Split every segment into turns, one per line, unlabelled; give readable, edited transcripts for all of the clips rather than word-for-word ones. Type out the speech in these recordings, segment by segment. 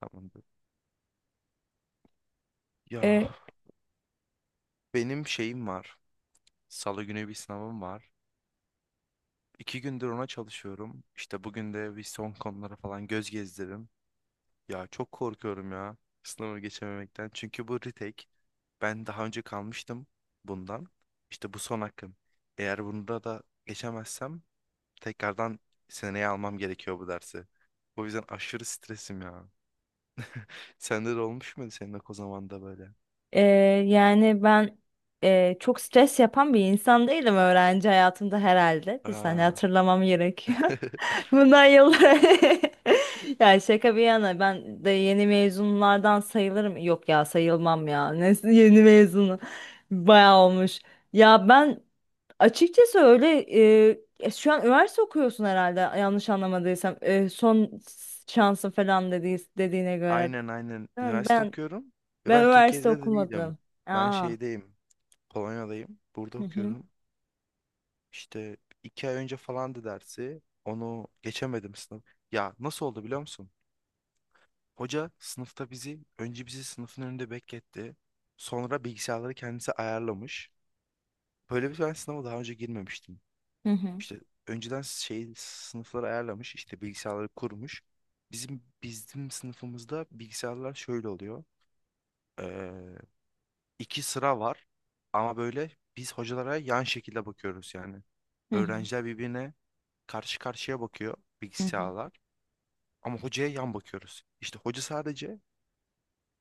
Tamamdır. Ya
E,
benim şeyim var. Salı günü bir sınavım var. İki gündür ona çalışıyorum. İşte bugün de bir son konulara falan göz gezdirdim. Ya çok korkuyorum ya sınavı geçememekten. Çünkü bu retake. Ben daha önce kalmıştım bundan. İşte bu son hakkım. Eğer bunda da geçemezsem tekrardan seneye almam gerekiyor bu dersi. O yüzden aşırı stresim ya. Sende de olmuş muydu senin o zamanda böyle?
e, yani ben çok stres yapan bir insan değilim öğrenci hayatımda herhalde. Bir saniye
Aa.
hatırlamam gerekiyor. Bundan yıllar. Yani şaka bir yana ben de yeni mezunlardan sayılırım. Yok ya sayılmam ya. Ne, yeni mezunu. Bayağı olmuş. Ya ben açıkçası öyle şu an üniversite okuyorsun herhalde yanlış anlamadıysam. E, son şansın falan dediğine göre.
Aynen aynen.
Değil mi?
Üniversite
Ben
okuyorum. Ve
Ben
ben Türkiye'de
üniversite
de değilim.
okumadım.
Ben
Aa.
şeydeyim. Polonya'dayım. Burada
Hı hı.
okuyorum. İşte iki ay önce falandı dersi. Onu geçemedim sınıf. Ya nasıl oldu biliyor musun? Hoca sınıfta bizi, önce bizi sınıfın önünde bekletti. Sonra bilgisayarları kendisi ayarlamış. Böyle bir ben sınava daha önce girmemiştim.
Hı hı.
İşte önceden şey sınıfları ayarlamış, işte bilgisayarları kurmuş. Bizim sınıfımızda bilgisayarlar şöyle oluyor. İki sıra var ama böyle biz hocalara yan şekilde bakıyoruz yani.
Hı hı.
Öğrenciler birbirine karşı karşıya bakıyor
Hı
bilgisayarlar ama hocaya yan bakıyoruz. İşte hoca sadece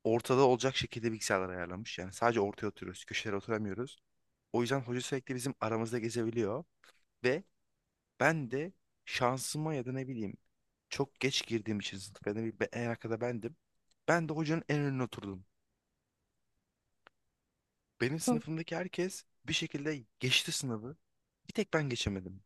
ortada olacak şekilde bilgisayarları ayarlamış. Yani sadece ortaya oturuyoruz, köşelere oturamıyoruz. O yüzden hoca sürekli bizim aramızda gezebiliyor ve ben de şansıma ya da ne bileyim çok geç girdiğim için sınıf ya da en arkada bendim. Ben de hocanın en önüne oturdum. Benim
hı.
sınıfımdaki herkes bir şekilde geçti sınavı. Bir tek ben geçemedim.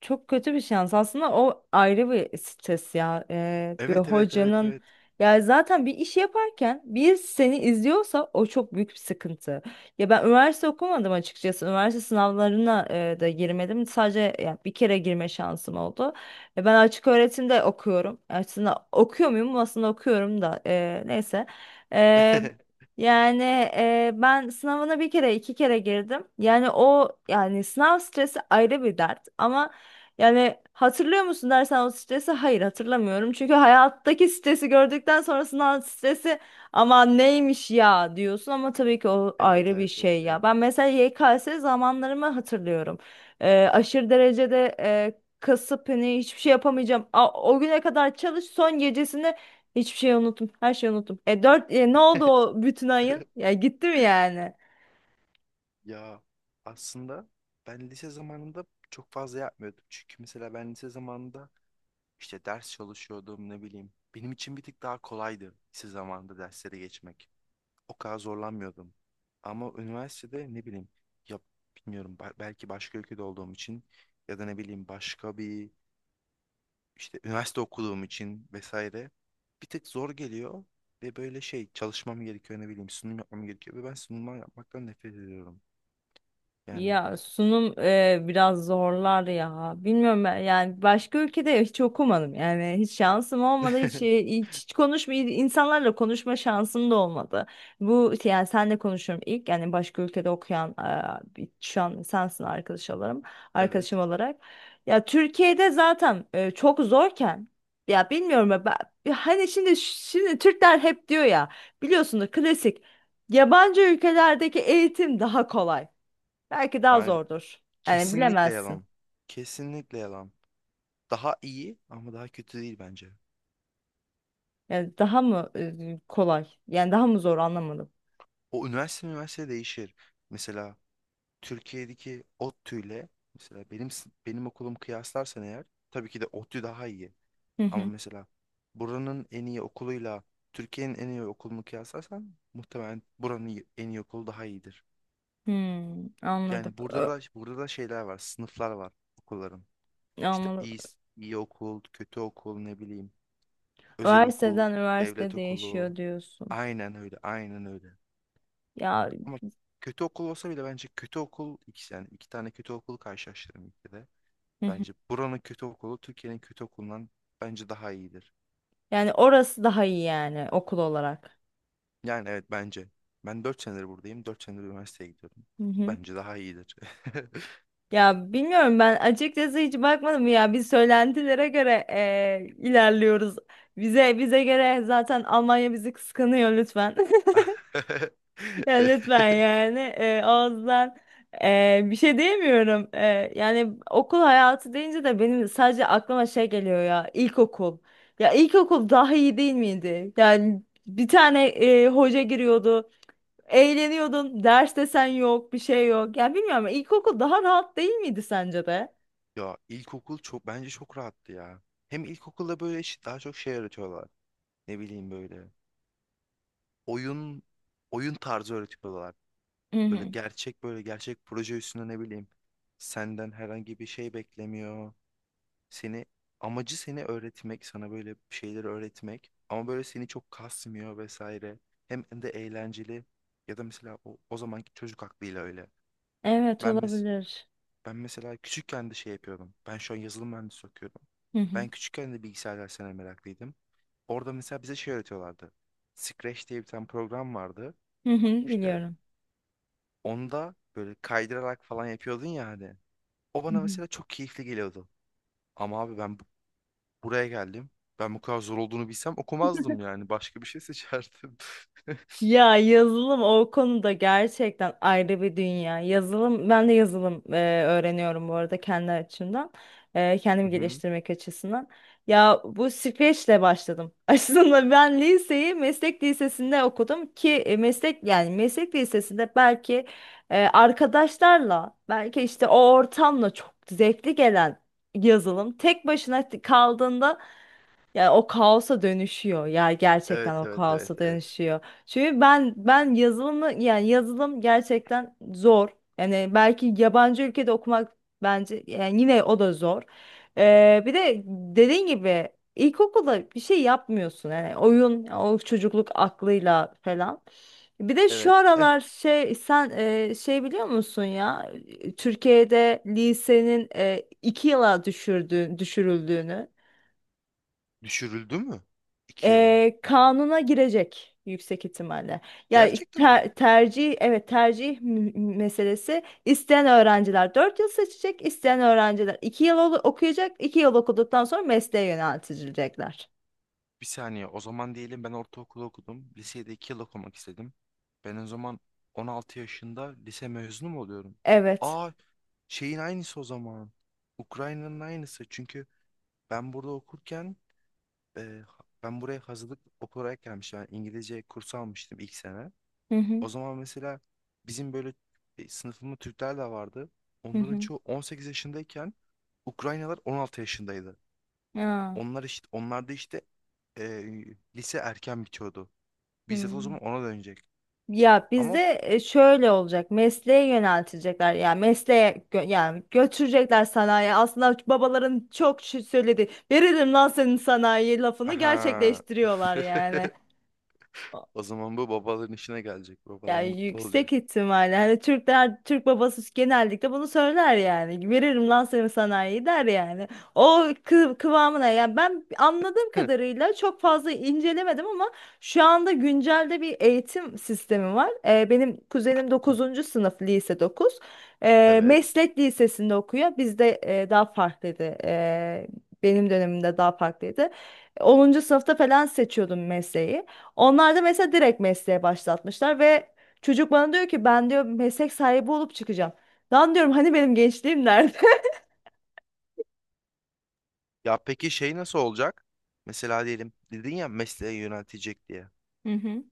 Çok kötü bir şans. Aslında o ayrı bir stres ya. Bir
Evet evet evet
hocanın
evet.
ya zaten bir iş yaparken bir seni izliyorsa o çok büyük bir sıkıntı. Ya ben üniversite okumadım açıkçası. Üniversite sınavlarına da girmedim. Sadece ya bir kere girme şansım oldu. Ben açık öğretimde okuyorum. Aslında okuyor muyum? Aslında okuyorum da neyse. E, Yani ben sınavına bir kere iki kere girdim. Yani o yani sınav stresi ayrı bir dert ama yani hatırlıyor musun dersen o stresi hayır hatırlamıyorum. Çünkü hayattaki stresi gördükten sonrasından stresi ama neymiş ya diyorsun ama tabii ki o
Evet
ayrı bir
evet evet
şey
evet.
ya. Ben mesela YKS zamanlarımı hatırlıyorum. Aşırı derecede kasıp hani hiçbir şey yapamayacağım. O güne kadar çalış son gecesinde hiçbir şey unuttum. Her şeyi unuttum. E, dört, ne oldu o bütün ayın? Ya gitti mi yani?
Ya aslında ben lise zamanında çok fazla yapmıyordum. Çünkü mesela ben lise zamanında işte ders çalışıyordum ne bileyim. Benim için bir tık daha kolaydı lise zamanında derslere geçmek. O kadar zorlanmıyordum. Ama üniversitede ne bileyim ya bilmiyorum belki başka ülkede olduğum için ya da ne bileyim başka bir işte üniversite okuduğum için vesaire bir tık zor geliyor ve böyle şey çalışmam gerekiyor ne bileyim sunum yapmam gerekiyor ve ben sunumlar yapmaktan nefret ediyorum. Yani
Ya sunum biraz zorlar ya. Bilmiyorum ben yani başka ülkede hiç okumadım. Yani hiç şansım olmadı. Hiç konuşma insanlarla konuşma şansım da olmadı. Bu işte, yani senle konuşuyorum ilk yani başka ülkede okuyan şu an sensin arkadaş olarak arkadaşım
evet.
olarak. Ya Türkiye'de zaten çok zorken ya bilmiyorum ya ben, ya hani şimdi Türkler hep diyor ya biliyorsunuz klasik yabancı ülkelerdeki eğitim daha kolay. Belki daha
Aynen.
zordur. Yani
Kesinlikle
bilemezsin.
yalan. Kesinlikle yalan. Daha iyi ama daha kötü değil bence.
Yani daha mı kolay? Yani daha mı zor anlamadım.
O üniversite değişir. Mesela Türkiye'deki ODTÜ ile mesela benim okulum kıyaslarsan eğer tabii ki de ODTÜ daha iyi.
Hı
Ama
hı.
mesela buranın en iyi okuluyla Türkiye'nin en iyi okulunu kıyaslarsan muhtemelen en iyi okulu daha iyidir.
Hmm, anladım.
Yani burada da burada da şeyler var, sınıflar var okulların. İşte
Anladım.
iyi okul, kötü okul, ne bileyim, özel okul,
Üniversiteden üniversite
devlet okulu.
değişiyor diyorsun.
Aynen öyle, aynen öyle.
Ya.
Ama kötü okul olsa bile bence kötü okul ikisi yani iki tane kötü okul karşılaştırırım ülkede.
Hı hı.
Bence buranın kötü okulu Türkiye'nin kötü okulundan bence daha iyidir.
Yani orası daha iyi yani okul olarak.
Yani evet bence. Ben 4 senedir buradayım. 4 senedir üniversiteye gidiyorum.
Hı hı.
Bence daha iyidir.
Ya bilmiyorum ben açıkçası hiç bakmadım ya biz söylentilere göre ilerliyoruz. Bize göre zaten Almanya bizi kıskanıyor lütfen. Ya lütfen yani ağızdan bir şey diyemiyorum. E, yani okul hayatı deyince de benim sadece aklıma şey geliyor ya ilkokul. Ya ilkokul daha iyi değil miydi? Yani bir tane hoca giriyordu. Eğleniyordun. Ders desen yok, bir şey yok. Ya bilmiyorum ama ilkokul daha rahat değil miydi sence de?
Ya ilkokul çok bence çok rahattı ya. Hem ilkokulda böyle daha çok şey öğretiyorlar. Ne bileyim böyle. Oyun oyun tarzı öğretiyorlar.
Hı
Böyle
hı.
gerçek böyle gerçek proje üstüne ne bileyim. Senden herhangi bir şey beklemiyor. Seni amacı seni öğretmek, sana böyle bir şeyleri öğretmek ama böyle seni çok kasmıyor vesaire. Hem de eğlenceli ya da mesela o zamanki çocuk aklıyla öyle.
Evet
Ben mes
olabilir.
Ben mesela küçükken de şey yapıyordum. Ben şu an yazılım mühendisi okuyorum.
Hı hı.
Ben küçükken de bilgisayar derslerine meraklıydım. Orada mesela bize şey öğretiyorlardı. Scratch diye bir tane program vardı.
Hı hı,
İşte
biliyorum.
onda böyle kaydırarak falan yapıyordun ya hani. O bana mesela çok keyifli geliyordu. Ama abi ben Buraya geldim. Ben bu kadar zor olduğunu bilsem okumazdım yani. Başka bir şey seçerdim.
Ya yazılım o konuda gerçekten ayrı bir dünya. Yazılım ben de yazılım öğreniyorum bu arada kendi açımdan. Kendimi
Hı-hı.
geliştirmek açısından. Ya bu süreçle başladım. Aslında ben liseyi meslek lisesinde okudum ki e, meslek yani meslek lisesinde belki arkadaşlarla belki işte o ortamla çok zevkli gelen yazılım tek başına kaldığında yani o kaosa dönüşüyor. Ya gerçekten
Evet,
o
evet, evet,
kaosa
evet.
dönüşüyor. Çünkü ben yazılımı yani yazılım gerçekten zor. Yani belki yabancı ülkede okumak bence yani yine o da zor. Bir de dediğin gibi ilkokulda bir şey yapmıyorsun. Yani oyun o çocukluk aklıyla falan. Bir de şu
Evet. Eh,
aralar şey sen şey biliyor musun ya Türkiye'de lisenin iki yıla düşürüldüğünü.
düşürüldü mü? İki yıla.
Kanuna girecek yüksek ihtimalle. Ya
Gerçekten mi?
tercih meselesi. İsteyen öğrenciler 4 yıl seçecek, isteyen öğrenciler 2 yıl okuyacak, 2 yıl okuduktan sonra mesleğe yöneltilecekler.
Bir saniye. O zaman diyelim ben ortaokulu okudum. Lisede iki yıl okumak istedim. Ben o zaman 16 yaşında lise mezunu mu oluyorum?
Evet.
Aa, şeyin aynısı o zaman. Ukrayna'nın aynısı. Çünkü ben burada okurken e, ben buraya hazırlık olarak gelmiştim. Yani İngilizce kursu almıştım ilk sene.
Hı hı.
O zaman mesela bizim böyle sınıfımda Türkler de vardı.
Hı
Onların
hı.
çoğu 18 yaşındayken Ukraynalar 16 yaşındaydı.
Ya.
Onlar işte onlarda işte e, Lise erken bitiyordu.
Hı.
Bizzat o zaman ona dönecek.
Ya
Ama
bizde şöyle olacak. Mesleğe yöneltilecekler. Yani götürecekler sanayi. Aslında babaların çok şey söylediği veririm lan senin sanayi lafını
aha
gerçekleştiriyorlar yani. A-
o zaman bu babaların işine gelecek. Babalar
Yani
mutlu olacak.
yüksek ihtimalle hani Türkler Türk babası genellikle bunu söyler yani veririm lan seni sanayi der yani o kıvamına yani ben anladığım kadarıyla çok fazla incelemedim ama şu anda güncelde bir eğitim sistemi var. Benim kuzenim dokuzuncu sınıf lise 9,
Evet.
meslek lisesinde okuyor bizde daha farklıydı. Benim dönemimde daha farklıydı. Onuncu sınıfta falan seçiyordum mesleği, onlar da mesela direkt mesleğe başlatmışlar ve çocuk bana diyor ki ben diyor meslek sahibi olup çıkacağım. Lan diyorum hani benim gençliğim nerede?
Ya peki şey nasıl olacak? Mesela diyelim dedin ya mesleğe yöneltecek diye.
Hı hı.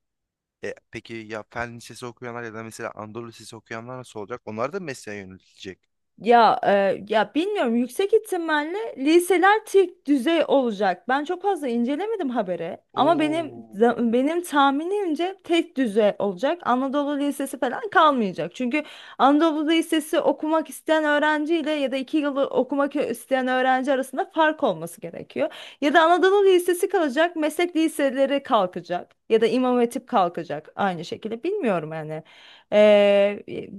Peki ya fen lisesi okuyanlar ya da mesela Anadolu lisesi okuyanlar nasıl olacak? Onlar da mesleğe yöneltilecek.
Ya bilmiyorum yüksek ihtimalle liseler tek düzey olacak. Ben çok fazla incelemedim haberi ama
Oo.
benim tahminimce tek düzey olacak. Anadolu Lisesi falan kalmayacak. Çünkü Anadolu Lisesi okumak isteyen öğrenciyle ya da iki yıl okumak isteyen öğrenci arasında fark olması gerekiyor. Ya da Anadolu Lisesi kalacak, meslek liseleri kalkacak ya da İmam Hatip kalkacak aynı şekilde. Bilmiyorum yani. E,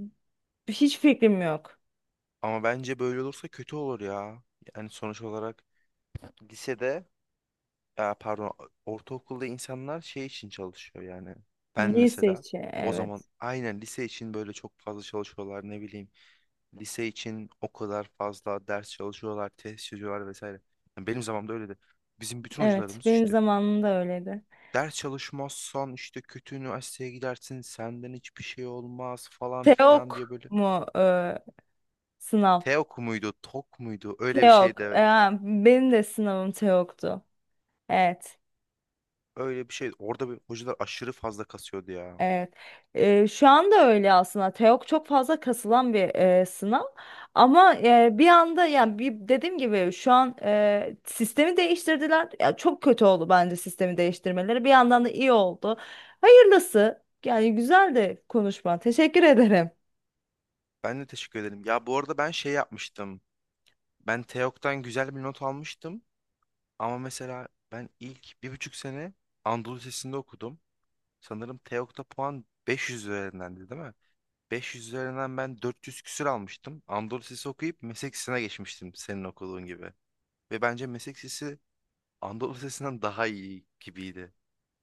hiç fikrim yok.
Ama bence böyle olursa kötü olur ya. Yani sonuç olarak lisede, ya pardon, ortaokulda insanlar şey için çalışıyor yani. Ben
Lise
mesela
içi
o zaman
evet.
aynen lise için böyle çok fazla çalışıyorlar ne bileyim. Lise için o kadar fazla ders çalışıyorlar, test çözüyorlar vesaire. Yani benim zamanımda öyleydi. Bizim bütün
Evet
hocalarımız
benim
işte
zamanımda öyleydi.
ders çalışmazsan işte kötü üniversiteye gidersin senden hiçbir şey olmaz falan
Teok
filan diye böyle.
mu sınav?
TEOK muydu TOK muydu öyle bir
Teok.
şeydi
E,
evet.
ha, benim de sınavım Teok'tu. Evet.
Öyle bir şey orada bir hocalar aşırı fazla kasıyordu ya.
Evet. Şu anda öyle aslında. Teok çok fazla kasılan bir sınav. Ama e, bir anda yani bir, dediğim gibi şu an sistemi değiştirdiler. Ya, çok kötü oldu bence sistemi değiştirmeleri. Bir yandan da iyi oldu. Hayırlısı. Yani güzel de konuşma. Teşekkür ederim.
Ben de teşekkür ederim. Ya bu arada ben şey yapmıştım. Ben TEOK'tan güzel bir not almıştım. Ama mesela ben ilk bir buçuk sene Anadolu Lisesi'nde okudum. Sanırım TEOK'ta puan 500 üzerindendi değil mi? 500 üzerinden ben 400 küsür almıştım. Anadolu Lisesi okuyup meslek lisesine geçmiştim senin okuduğun gibi. Ve bence meslek lisesi Anadolu Lisesi'nden daha iyi gibiydi.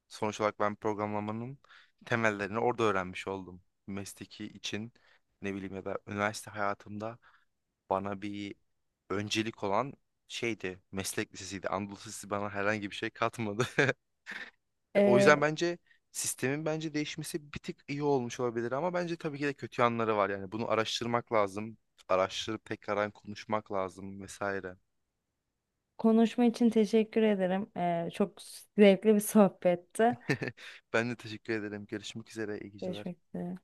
Sonuç olarak ben programlamanın temellerini orada öğrenmiş oldum. Mesleki için ne bileyim ya da üniversite hayatımda bana bir öncelik olan şeydi. Meslek lisesiydi. Anadolu Lisesi bana herhangi bir şey katmadı. O yüzden
E,
bence sistemin bence değişmesi bir tık iyi olmuş olabilir ama bence tabii ki de kötü yanları var. Yani bunu araştırmak lazım. Araştırıp tekrardan konuşmak lazım vesaire.
Konuşma için teşekkür ederim. Çok zevkli bir sohbetti.
Ben de teşekkür ederim. Görüşmek üzere. İyi geceler.
Görüşmek üzere.